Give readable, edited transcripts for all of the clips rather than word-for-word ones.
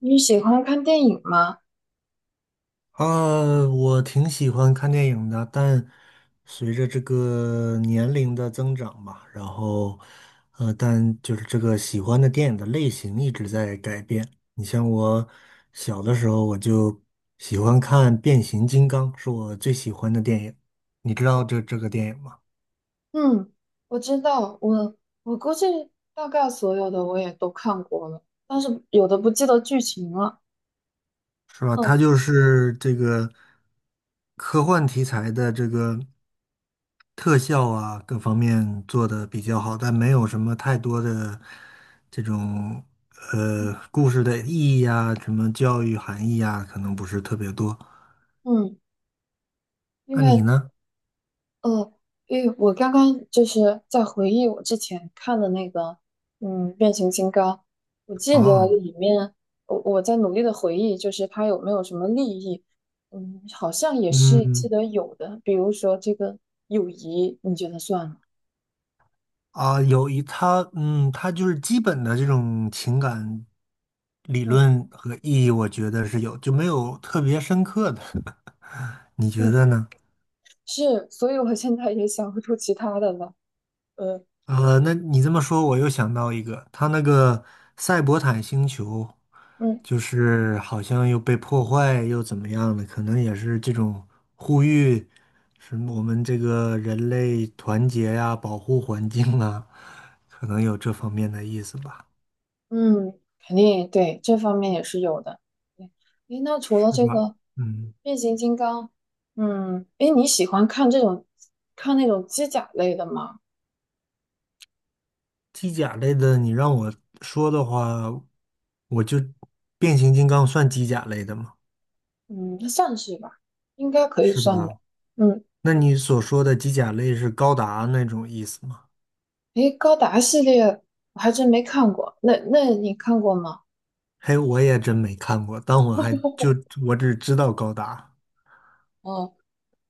你喜欢看电影吗？啊，我挺喜欢看电影的，但随着这个年龄的增长吧，然后，但就是这个喜欢的电影的类型一直在改变。你像我小的时候，我就喜欢看《变形金刚》，是我最喜欢的电影。你知道这个电影吗？嗯，我知道，我估计大概所有的我也都看过了，但是有的不记得剧情了。是吧？它嗯就是这个科幻题材的这个特效啊，各方面做的比较好，但没有什么太多的这种故事的意义啊，什么教育含义啊，可能不是特别多。嗯，因那你为呢？呃，因为我刚刚就是在回忆我之前看的那个，嗯，《变形金刚》，我记得啊，里面，我在努力的回忆，就是它有没有什么利益？嗯，好像也是记嗯，得有的，比如说这个友谊，你觉得算吗？啊，有一它，嗯，它就是基本的这种情感理嗯论和意义，我觉得是有，就没有特别深刻的。你觉嗯,得呢？是，所以我现在也想不出其他的了。呃，那你这么说，我又想到一个，他那个赛博坦星球，嗯就是好像又被破坏又怎么样的，可能也是这种呼吁，什么我们这个人类团结呀、保护环境啊，可能有这方面的意思吧，嗯，肯定对这方面也是有的。对，诶，那除了是这吧？个嗯，变形金刚，嗯，诶，你喜欢看这种看那种机甲类的吗？机甲类的，你让我说的话，我就变形金刚算机甲类的吗？嗯，那算是吧，应该可以是算的。吧？嗯，那你所说的机甲类是高达那种意思吗？诶，高达系列我还真没看过，那你看过吗？嘿，我也真没看过，但我还就我只知道高达哦，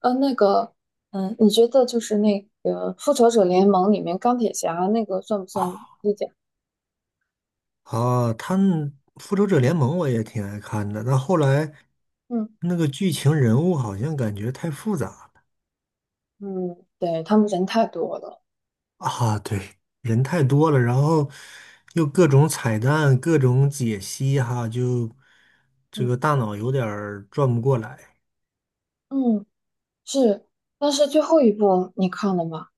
呃，那个，你觉得就是那个《复仇者联盟》里面钢铁侠那个算不算机甲？啊。他们《复仇者联盟》我也挺爱看的，但后来嗯。那个剧情人物好像感觉太复杂了。嗯，对，他们人太多了。啊，对，人太多了，然后又各种彩蛋、各种解析哈，就这嗯个大脑有点儿转不过来。嗯，是，但是最后一部你看了吗？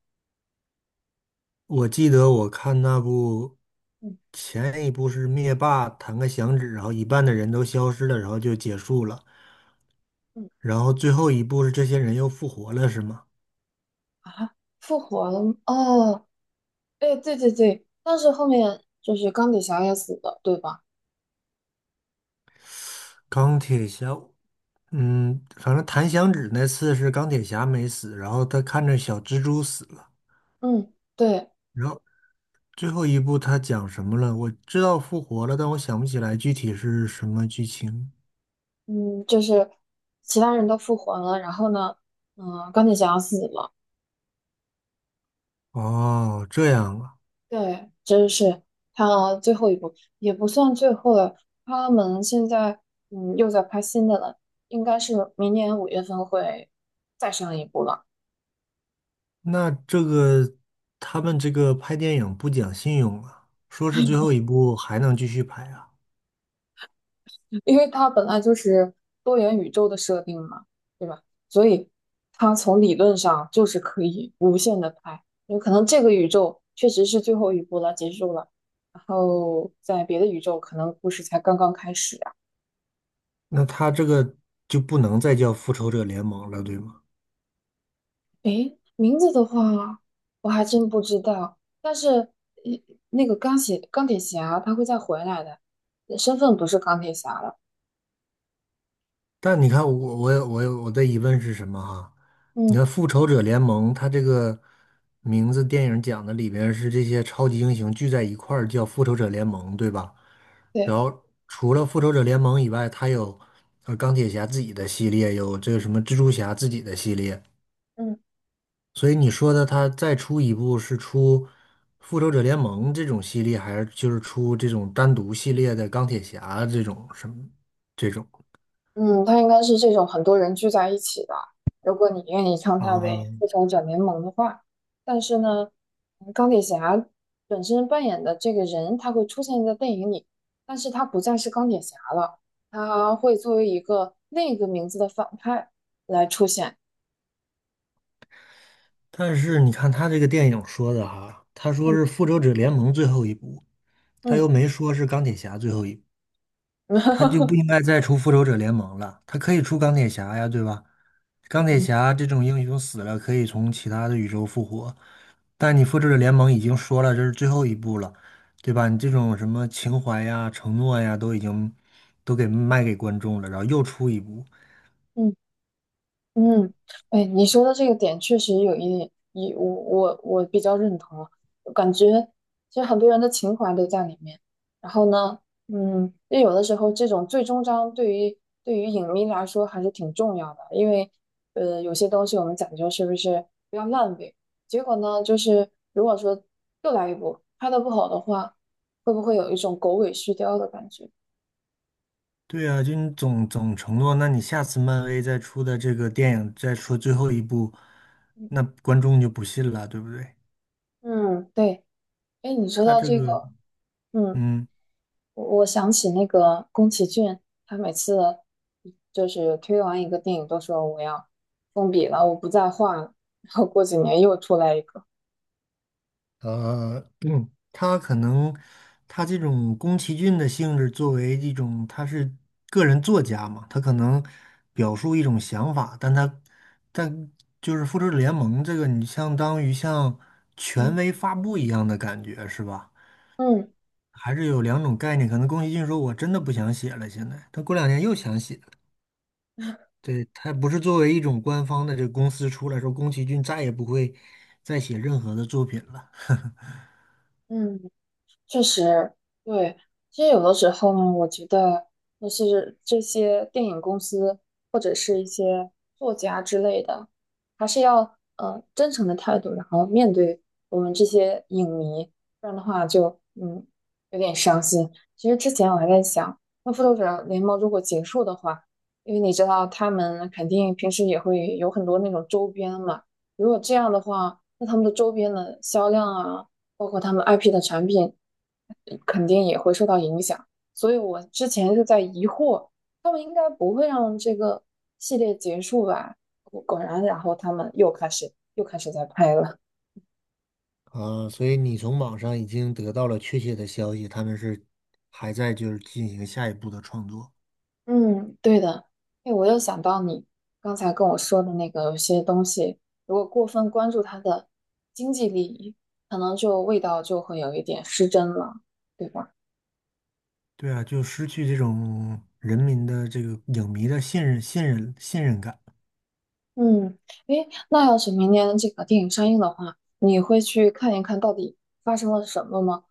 我记得我看那部嗯前一部是灭霸弹个响指，然后一半的人都消失了，然后就结束了。嗯然后最后一步是这些人又复活了，是吗？啊，复活了吗哦，哎，对对对，但是后面就是钢铁侠也死了，对吧？钢铁侠，嗯，反正弹响指那次是钢铁侠没死，然后他看着小蜘蛛死了，嗯，对，然后最后一步他讲什么了？我知道复活了，但我想不起来具体是什么剧情。嗯，就是其他人都复活了，然后呢，嗯，钢铁侠死了，哦，这样啊。对，这是他最后一部，也不算最后了。他们现在又在拍新的了，应该是明年五月份会再上一部了，那这个他们这个拍电影不讲信用啊，说是最后一部还能继续拍啊，因为它本来就是多元宇宙的设定嘛，对吧？所以它从理论上就是可以无限的拍，有可能这个宇宙确实是最后一部了，结束了，然后在别的宇宙可能故事才刚刚开始。那他这个就不能再叫复仇者联盟了，对吗？诶，名字的话，我还真不知道。但是，呃那个钢铁侠他会再回来的，身份不是钢铁侠了。但你看我，我有我的疑问是什么哈？你嗯，看《复仇者联盟》，它这个名字电影讲的里边是这些超级英雄聚在一块儿叫复仇者联盟，对吧？然对，后除了复仇者联盟以外，它有钢铁侠自己的系列，有这个什么蜘蛛侠自己的系列。嗯所以你说的它再出一部是出复仇者联盟这种系列，还是就是出这种单独系列的钢铁侠这种什么这种？嗯，他应该是这种很多人聚在一起的。如果你愿意称他啊，为复仇者联盟的话，但是呢，钢铁侠本身扮演的这个人，他会出现在电影里，但是他不再是钢铁侠了，他会作为一个另一个名字的反派来出现。但是你看他这个电影说的哈，他说是嗯《复仇者联盟》最后一部，他又嗯。没说是钢铁侠最后一部，哈他哈就不哈，应该再出《复仇者联盟》了，他可以出钢铁侠呀，对吧？钢铁嗯侠这种英雄死了可以从其他的宇宙复活，但你《复仇者联盟》已经说了这是最后一部了，对吧？你这种什么情怀呀、承诺呀，都已经都给卖给观众了，然后又出一部。嗯嗯，哎，你说的这个点确实有一点，一，我比较认同啊，我感觉其实很多人的情怀都在里面。然后呢，嗯，就有的时候这种最终章对于影迷来说还是挺重要的，因为有些东西我们讲究是不是不要烂尾，结果呢就是如果说又来一部拍的不好的话，会不会有一种狗尾续貂的感觉？对啊，就你总承诺，那你下次漫威再出的这个电影再说最后一部，嗯，那观众就不信了，对不对？嗯对，哎，你说他到这这个，个，嗯。嗯，我我想起那个宫崎骏，他每次就是推完一个电影都说我要封笔了，我不再画了，然后过几年又出来一个，他可能他这种宫崎骏的性质，作为一种他是个人作家嘛，他可能表述一种想法，但就是复仇者联盟这个，你相当于像权嗯威发布一样的感觉，是吧？嗯还是有两种概念，可能宫崎骏说我真的不想写了，现在他过两年又想写了。对，他不是作为一种官方的这个公司出来说，宫崎骏再也不会再写任何的作品了。嗯，确实，对，其实有的时候呢，我觉得就是这些电影公司或者是一些作家之类的，还是要真诚的态度，然后面对我们这些影迷，不然的话就有点伤心。其实之前我还在想，那复仇者联盟如果结束的话，因为你知道他们肯定平时也会有很多那种周边嘛，如果这样的话，那他们的周边的销量啊。包括他们 IP 的产品，肯定也会受到影响。所以我之前就在疑惑，他们应该不会让这个系列结束吧？果然，然后他们又开始在拍了。所以你从网上已经得到了确切的消息，他们是还在就是进行下一步的创作。嗯，对的。哎，我又想到你刚才跟我说的那个，有些东西如果过分关注它的经济利益，可能就味道就会有一点失真了，对吧？对啊，就失去这种人民的这个影迷的信任、信任、信任感。嗯，诶，那要是明年这个电影上映的话，你会去看一看到底发生了什么吗？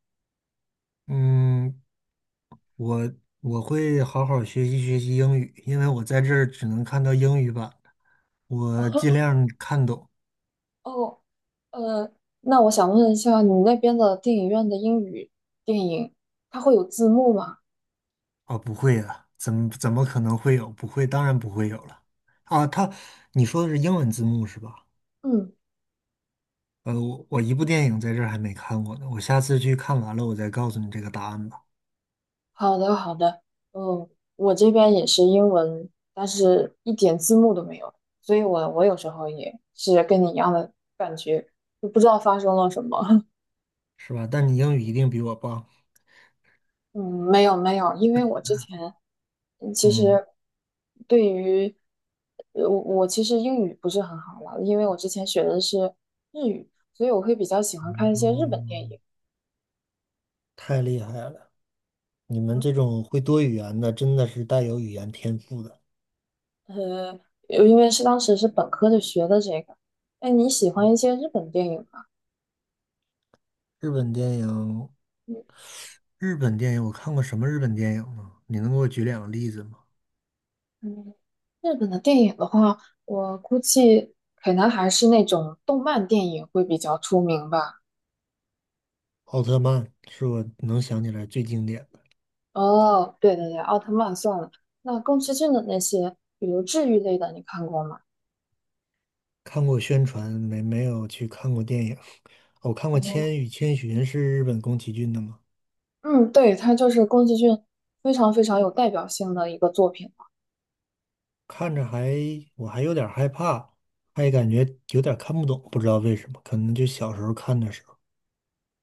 嗯，我我会好好学习学习英语，因为我在这儿只能看到英语版，我尽 量看懂哦，呃，那我想问一下，你那边的电影院的英语电影，它会有字幕吗？啊。不会啊，怎么可能会有？不会，当然不会有了啊。他，你说的是英文字幕是吧？嗯，呃，我一部电影在这儿还没看过呢，我下次去看完了我再告诉你这个答案吧。好的，好的。嗯，我这边也是英文，但是一点字幕都没有，所以我我有时候也是跟你一样的感觉，就不知道发生了什么。是吧？但你英语一定比我棒。嗯，没有没有，因为我之前其嗯，实对于我我其实英语不是很好了，因为我之前学的是日语，所以我会比较喜欢看一些日本电嗯，影。太厉害了。你们这种会多语言的，真的是带有语言天赋的。呃，因为是当时是本科就学的这个。哎，你喜欢一些日本电影吗？日本电影日本电影我看过什么日本电影呢？你能给我举两个例子吗？嗯嗯，日本的电影的话，我估计可能还是那种动漫电影会比较出名吧。奥特曼是我能想起来最经典的。哦，对对对，奥特曼算了。那宫崎骏的那些，比如治愈类的，你看过吗？看过宣传，没有去看过电影。我看过哦《千与千寻》，是日本宫崎骏的吗？嗯，对，它就是宫崎骏非常非常有代表性的一个作品。看着还我还有点害怕，还感觉有点看不懂，不知道为什么，可能就小时候看的时候。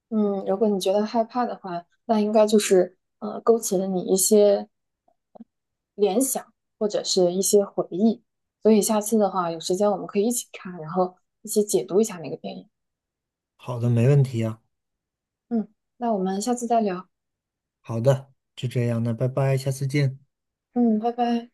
嗯，如果你觉得害怕的话，那应该就是勾起了你一些联想或者是一些回忆。所以下次的话，有时间我们可以一起看，然后一起解读一下那个电影。好的，没问题啊。嗯，那我们下次再聊。好的，就这样，那拜拜，下次见。嗯，拜拜。